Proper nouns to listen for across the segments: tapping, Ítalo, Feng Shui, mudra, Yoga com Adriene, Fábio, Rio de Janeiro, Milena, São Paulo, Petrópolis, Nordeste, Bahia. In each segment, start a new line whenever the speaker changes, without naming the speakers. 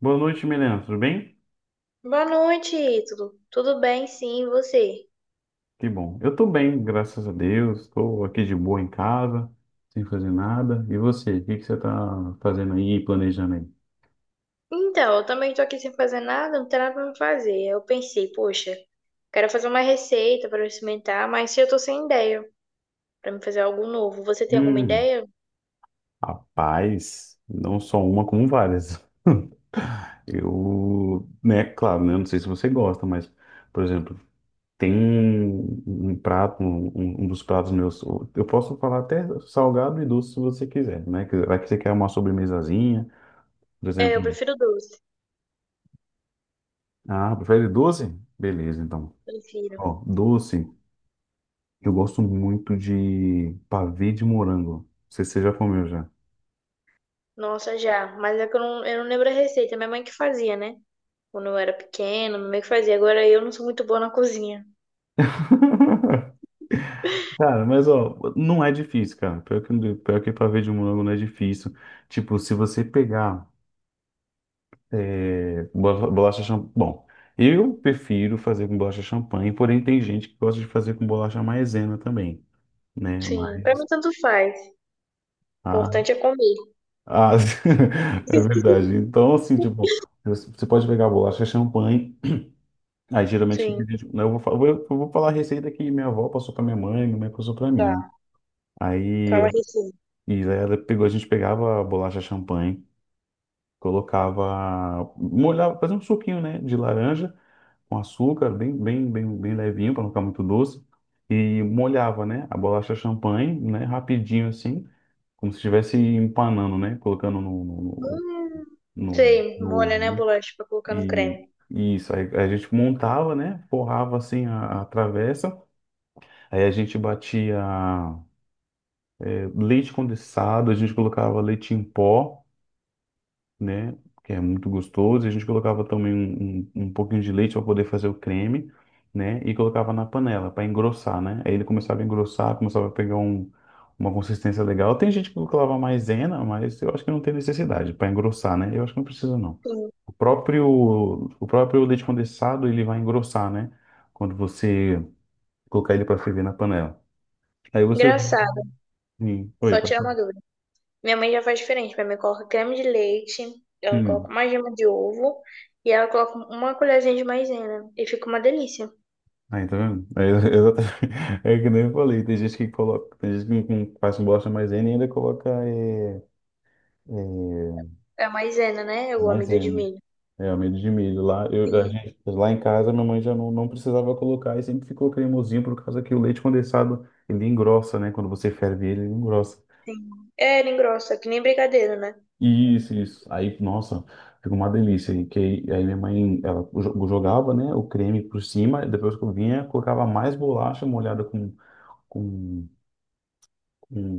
Boa noite, Milena. Tudo bem?
Boa noite, Ítalo. Tudo bem? Sim, e você?
Que bom. Eu tô bem, graças a Deus. Estou aqui de boa em casa, sem fazer nada. E você? O que que você tá fazendo aí, e planejando aí?
Então, eu também tô aqui sem fazer nada, não tem nada pra me fazer. Eu pensei, poxa, quero fazer uma receita pra eu experimentar, mas eu tô sem ideia pra me fazer algo novo. Você tem alguma
Hum,
ideia?
Rapaz, não só uma, como várias. Eu, né, claro, né? Não sei se você gosta, mas, por exemplo, tem um prato, um dos pratos meus. Eu posso falar até salgado e doce se você quiser, né? Vai que você quer uma sobremesazinha, por
É, eu
exemplo.
prefiro doce.
Ah, prefere doce? Beleza, então.
Prefiro.
Ó, doce, eu gosto muito de pavê de morango. Não sei se você já comeu já.
Nossa, já. Mas é que eu não lembro a receita. Minha mãe que fazia, né? Quando eu era pequena, minha mãe que fazia. Agora eu não sou muito boa na cozinha.
Cara, mas ó, não é difícil, cara. Pior que pavê de morango não é difícil. Tipo, se você pegar bolacha champanhe. Bom, eu prefiro fazer com bolacha champanhe, porém tem gente que gosta de fazer com bolacha maisena também, né?
Sim, pra mim
Mas.
tanto faz. O
Ah,
importante é comer.
ah, é verdade. Então, assim, tipo, você pode pegar bolacha champanhe. Aí geralmente,
Sim,
né, eu vou, fa- eu vou falar a receita que minha avó passou para minha mãe passou para mim. Né?
tá.
Aí
Fala
eu-
a receita.
e daí ela pegou, a gente pegava a bolacha champanhe, colocava, molhava, fazia um suquinho, né, de laranja com açúcar, bem, bem, bem, bem levinho para não ficar muito doce, e molhava, né, a bolacha champanhe, né, rapidinho assim, como se estivesse empanando, né, colocando no, no,
Hum,
no,
sei,
no
molha, né, a
ovo, né?
bolacha pra colocar no
E
creme.
e isso aí a gente montava, né, forrava assim a travessa. Aí a gente batia leite condensado, a gente colocava leite em pó, né? Que é muito gostoso. E a gente colocava também um pouquinho de leite para poder fazer o creme, né? E colocava na panela para engrossar, né? Aí ele começava a engrossar, começava a pegar uma consistência legal. Tem gente que colocava maisena, mas eu acho que não tem necessidade para engrossar, né? Eu acho que não precisa, não.
Sim.
O próprio, o próprio leite condensado, ele vai engrossar, né? Quando você colocar ele para ferver na panela. Aí você
Engraçado,
Sim. Oi,
só
pode
tirar
falar.
uma dúvida. Minha mãe já faz diferente. Minha mãe coloca creme de leite, ela coloca
Hum.
uma gema de ovo e ela coloca uma colherzinha de maisena. E fica uma delícia.
Aí, tá vendo? É que nem eu falei, tem gente que coloca, tem gente que com- faz bolacha maisena e ainda coloca é,
É a maisena, né? É o amido de
maisena.
milho.
É, amido de milho. Lá, a
Sim,
gente, lá em casa, minha mãe já não precisava colocar e sempre ficou cremosinho por causa que o leite condensado, ele engrossa, né? Quando você ferve ele, ele engrossa.
sim. É, ele engrossa, que nem brigadeiro, né?
Isso, isso. Aí, nossa, fica uma delícia. Aí minha mãe, ela jogava, né, o creme por cima, e depois que eu vinha, colocava mais bolacha molhada com com,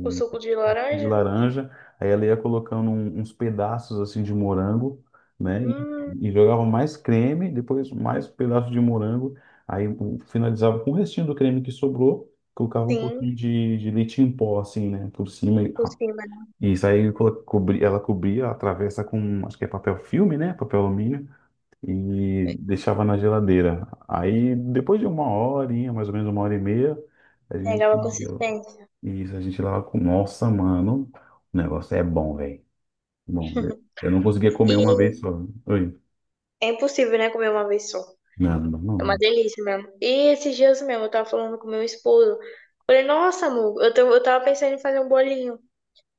O suco de
de
laranja?
laranja, aí ela ia colocando uns pedaços assim de morango, né? E,
Hum,
e jogava mais creme, depois mais pedaço de morango, aí finalizava com o restinho do creme que sobrou, colocava um
sim,
pouquinho de leite em pó assim, né? Por cima. E
por cima, né?
isso aí ela cobria a travessa com, acho que é papel filme, né? Papel alumínio. E deixava na geladeira. Aí, depois de uma horinha, mais ou menos uma hora e meia, a gente
Pegava
ia.
consistência.
Isso, a gente lá com. Nossa, mano, o negócio é bom, velho. Bom, velho. Eu não conseguia comer
E
uma vez só. Oi.
é impossível, né, comer uma vez só.
Não, não,
É
não.
uma
é-
delícia mesmo. E esses dias mesmo, eu tava falando com meu esposo. Falei, nossa, amor, eu tava pensando em fazer um bolinho,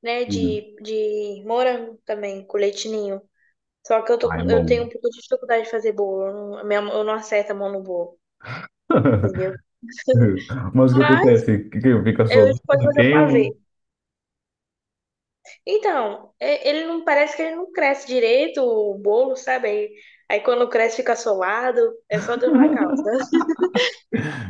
né,
não.
de morango também, com leite ninho. Só que eu tô
Ah,
com,
é
eu
bom.
tenho um pouco de dificuldade de fazer bolo. Eu não acerto a mão no bolo, entendeu?
Mas o que
Mas
acontece? Que fica
eu
solto,
posso fazer o pavê.
queima.
Então, ele não parece que ele não cresce direito, o bolo, sabe? Aí quando cresce fica solado, é só Deus na causa.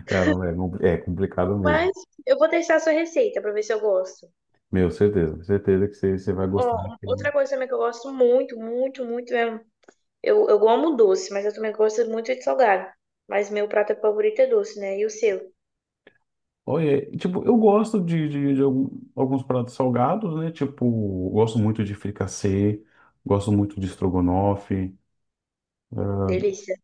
Cara, é complicado mesmo.
Mas eu vou testar a sua receita pra ver se eu gosto.
Meu, certeza, certeza que você vai
Ó,
gostar.
outra coisa também que eu gosto muito, muito, muito mesmo. Eu amo doce, mas eu também gosto muito de salgado. Mas meu prato favorito é doce, né? E o seu?
Olha, tipo, eu gosto de alguns pratos salgados, né? Tipo, gosto muito de fricassê, gosto muito de estrogonofe.
Delícia.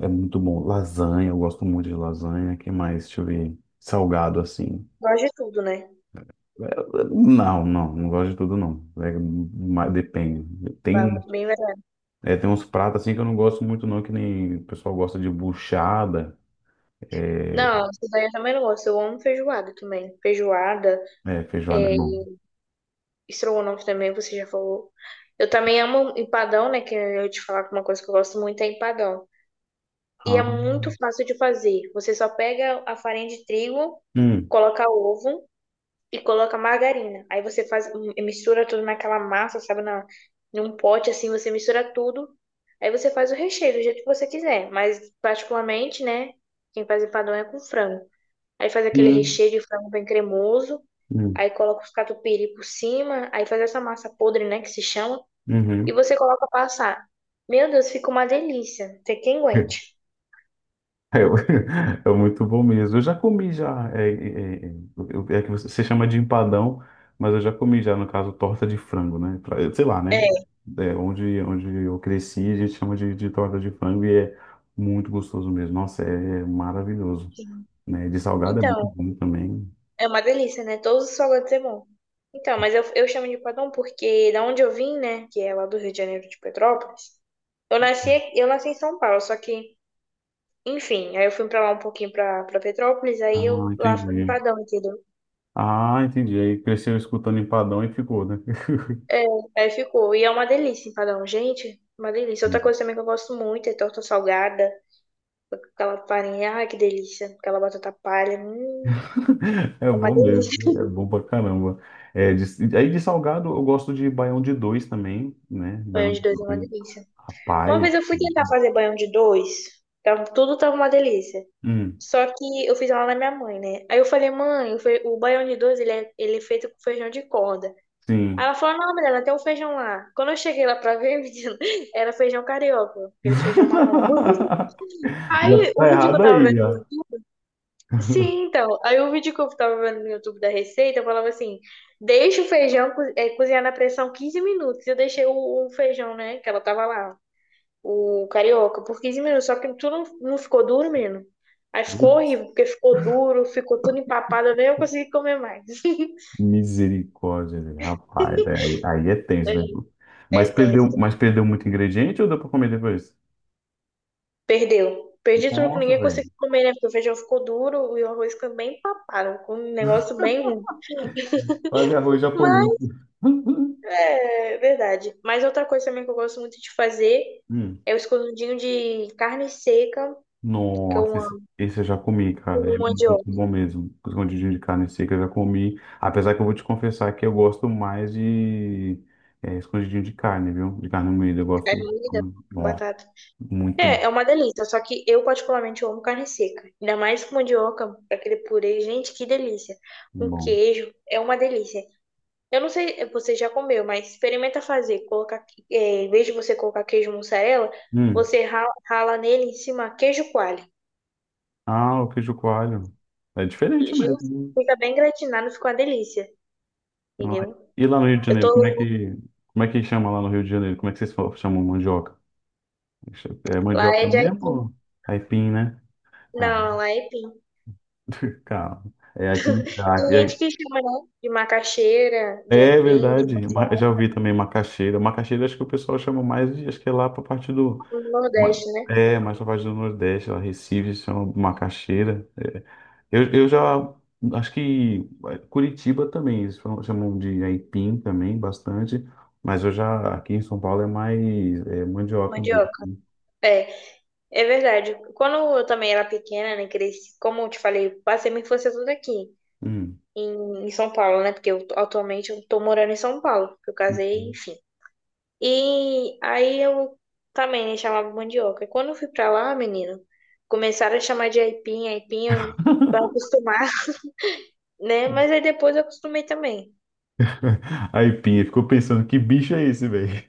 É, é muito bom. Lasanha, eu gosto muito de lasanha. Que mais? Deixa eu ver. Salgado, assim.
Gosto de tudo, né?
Não, não, não gosto de tudo, não. É, mas depende. Tem,
Bem verdade.
é, tem uns pratos, assim, que eu não gosto muito, não. Que nem o pessoal gosta de buchada. É,
Não, isso daí eu também não gosto. Eu amo feijoada também. Feijoada,
feijoada é bom.
estrogonofe também, você já falou. Eu também amo empadão, né? Que eu ia te falar que uma coisa que eu gosto muito é empadão. E é
Ah,
muito fácil de fazer. Você só pega a farinha de trigo,
hum,
coloca ovo, e coloca margarina. Aí você faz, mistura tudo naquela massa, sabe, num pote assim, você mistura tudo. Aí você faz o recheio do jeito que você quiser, mas particularmente, né, quem faz empadão é com frango. Aí faz aquele
hum,
recheio de frango bem cremoso,
hum,
aí coloca os catupiry por cima, aí faz essa massa podre, né, que se chama, e
uhum.
você coloca pra assar. Meu Deus, fica uma delícia. Tem quem aguente.
É, é muito bom mesmo. Eu já comi já. É que você chama de empadão, mas eu já comi já, no caso, torta de frango, né? Sei lá, né?
É,
É, onde eu cresci, a gente chama de, torta de frango e é muito gostoso mesmo. Nossa, é maravilhoso. Né? De salgado é muito
então,
bom também.
é uma delícia, né? Todos os salgados é bom. Então, mas eu chamo de padrão porque da onde eu vim, né? Que é lá do Rio de Janeiro, de Petrópolis. Eu nasci em São Paulo, só que, enfim, aí eu fui pra lá um pouquinho pra, Petrópolis, aí
Ah,
eu lá fui em
entendi.
padrão, entendeu?
Ah, entendi. Aí cresceu escutando empadão e ficou, né?
Aí ficou. E é uma delícia empadão, gente. Uma delícia. Outra coisa também que eu gosto muito é torta salgada, aquela farinha, ai que delícia. Aquela batata palha,
É
é uma
bom
delícia.
mesmo, é bom pra caramba. É, aí de salgado eu gosto de baião de dois também, né? Baião
Banho
de
de dois é uma
dois.
delícia. Uma
Rapaz.
vez eu fui
Muito
tentar
bom.
fazer banho de dois, tava, tudo tava uma delícia.
Hum,
Só que eu fiz ela na minha mãe, né? Aí eu falei, mãe, o baião de dois, ele é feito com feijão de corda. Aí
sim.
ela falou, não, menina, tem um feijão lá. Quando eu cheguei lá pra ver, menina, era feijão carioca, aquele feijão marrom.
Já
Aí o
tá
vídeo que eu
errado
tava
aí, já.
vendo. Sim, então. Aí o vídeo que eu tava vendo no YouTube da receita, eu falava assim: deixa o feijão cozinhar na pressão 15 minutos. Eu deixei o feijão, né? Que ela tava lá o Carioca por 15 minutos, só que tudo não ficou duro, menino. Aí ficou
Putz,
horrível, porque ficou duro, ficou tudo empapado, nem eu consegui comer mais.
misericórdia, velho. Rapaz. Aí é tenso, né?
É,
Mas
é
perdeu,
tenso.
mas perdeu muito ingrediente ou deu pra comer depois?
Perdeu. Perdi tudo, que
Nossa,
ninguém
velho.
conseguiu comer, né? Porque o feijão ficou duro e o arroz ficou bem empapado, com um negócio bem ruim.
Fazer arroz japonês.
Mas é verdade. Mas outra coisa também que eu gosto muito de fazer
Hum.
é o escondidinho de carne seca, que eu
Nossa, esse,
amo,
esse eu já comi, cara. É
com
muito
mandioca,
bom mesmo. Os escondidinho de carne seca eu já comi. Apesar que eu vou te confessar que eu gosto mais de escondidinho de carne, viu? De carne moída. Eu
carne
gosto.
moída,
Nossa,
batata.
muito
É uma delícia, só que eu particularmente amo carne seca. Ainda mais com mandioca, aquele purê, gente, que delícia. Um
bom.
queijo, é uma delícia. Eu não sei, você já comeu, mas experimenta fazer, colocar, em vez de você colocar queijo mussarela,
Hum.
você rala, rala nele em cima queijo coalho.
Ah, o queijo coalho. É diferente
Gente,
mesmo,
fica bem gratinado, fica uma delícia,
né? Ah,
entendeu?
e lá no Rio de
Eu
Janeiro, como é
tô,
que, como é que chama lá no Rio de Janeiro? Como é que vocês chamam mandioca? É
lá
mandioca
é de
mesmo?
aipim.
Ou aipim, né? Calma.
Não, lá é aipim.
Calma. É aqui,
Tem gente que chama, né, de macaxeira, de
É
aipim, de
verdade.
mandioca,
Já ouvi também macaxeira. Macaxeira acho que o pessoal chama mais de, acho que é lá para parte do,
no Nordeste, né?
mais para parte do Nordeste, lá Recife se chama macaxeira. É. Eu já acho que Curitiba também eles chamam de aipim também bastante, mas eu já aqui em São Paulo é mais mandioca mesmo.
Mandioca. É. É verdade. Quando eu também era pequena, né, cresci, como eu te falei, passei minha infância toda aqui,
Hum.
em São Paulo, né? Porque eu, atualmente eu tô morando em São Paulo, porque eu casei, enfim. E aí eu também, né, chamava mandioca. E quando eu fui pra lá, menino, começaram a chamar de aipim, aipim, pra acostumar, né? Mas aí depois eu acostumei também.
Aipim, ficou pensando que bicho é esse, velho?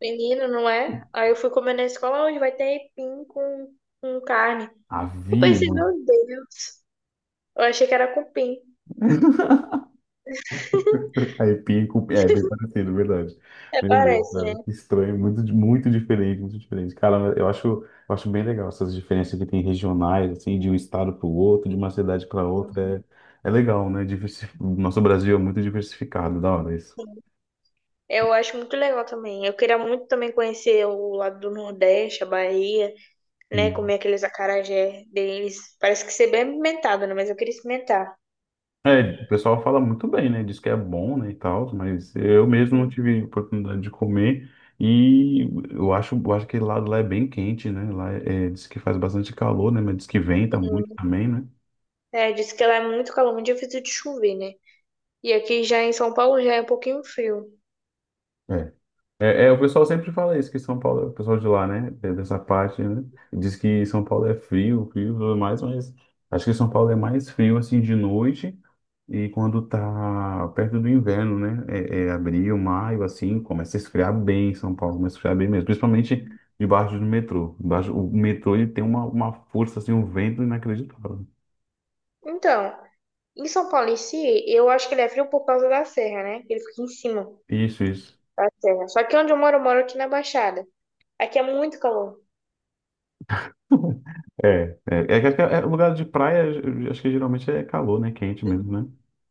Menino, não é? Aí eu fui comer na escola, onde vai ter aipim com, carne. Eu pensei,
Avião.
meu Deus, eu achei que era cupim.
É, bem parecido, verdade.
É,
Meu Deus,
parece, né?
cara, que estranho, muito diferente, muito diferente. Cara, eu acho bem legal essas diferenças que tem regionais, assim, de um estado para o outro, de uma cidade para outra. É, é legal, né? O nosso Brasil é muito diversificado, da hora isso.
Eu acho muito legal também. Eu queria muito também conhecer o lado do Nordeste, a Bahia, né?
Hum.
Comer aqueles acarajé deles. Parece que ser bem alimentado, né? Mas eu queria experimentar.
É, o pessoal fala muito bem, né? Diz que é bom, né, e tal, mas eu mesmo não
Sim.
tive oportunidade de comer. E eu acho que lá é bem quente, né? Lá diz que faz bastante calor, né? Mas diz que venta muito também, né?
É, disse que lá é muito calor, muito difícil de chover, né? E aqui já em São Paulo já é um pouquinho frio.
É. É, o pessoal sempre fala isso, que São Paulo, o pessoal de lá, né, dessa parte, né, diz que São Paulo é frio, frio e tudo mais, mas acho que São Paulo é mais frio, assim, de noite e quando tá perto do inverno, né, é abril, maio, assim, começa a esfriar bem em São Paulo, começa a esfriar bem mesmo, principalmente debaixo do metrô. Debaixo, o metrô, ele tem uma força, assim, um vento inacreditável.
Então, em São Paulo em si, eu acho que ele é frio por causa da serra, né? Ele fica em cima
Isso, isso.
da serra. Só que onde eu moro aqui na Baixada. Aqui é muito calor.
É, é, é, que acho que é lugar de praia, acho que geralmente é calor, né, quente mesmo, né?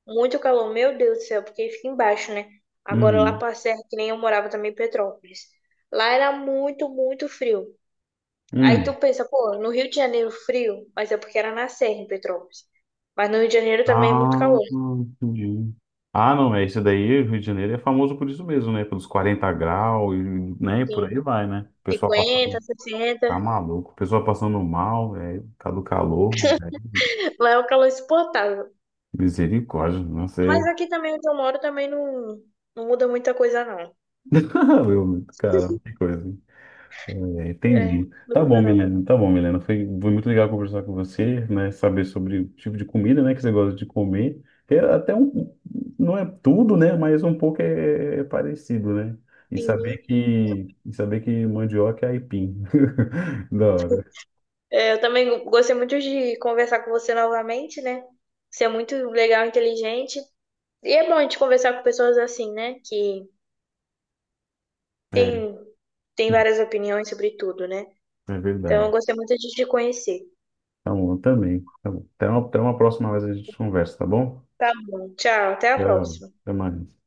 Muito calor, meu Deus do céu, porque fica embaixo, né? Agora lá
Uhum.
pra Serra, que nem eu morava também em Petrópolis. Lá era muito, muito frio. Aí tu
Hum.
pensa, pô, no Rio de Janeiro frio, mas é porque era na Serra em Petrópolis. Mas no Rio de Janeiro também é
Ah,
muito calor,
entendi. Ah, não, é esse daí, Rio de Janeiro é famoso por isso mesmo, né? Pelos 40 graus, e, né? E por aí
sim.
vai, né? O pessoal
cinquenta
passando,
sessenta
tá maluco, o pessoal passando mal, tá do calor,
Lá é o calor insuportável.
misericórdia, não
Mas
sei.
aqui também onde eu moro também não muda muita coisa, não.
Meu, cara, que coisa. É,
É,
entendi.
não
Tá bom,
muda não.
Milena. Tá bom, Milena. Foi muito legal conversar com você, né? Saber sobre o tipo de comida, né, que você gosta de comer. É até um, não é tudo, né? Mas um pouco é parecido, né? E saber
Sim.
que, e saber que mandioca é aipim. Da hora.
É, eu também gostei muito de conversar com você novamente, né? Você é muito legal, inteligente. E é bom a gente conversar com pessoas assim, né? Que
É,
tem, tem várias opiniões sobre tudo, né?
é
Então,
verdade.
eu gostei muito de te conhecer.
Tá bom, eu também. Tá bom. Até uma próxima vez a gente conversa, tá bom?
Tá bom, tchau, até a
Tchau.
próxima.
Até mais.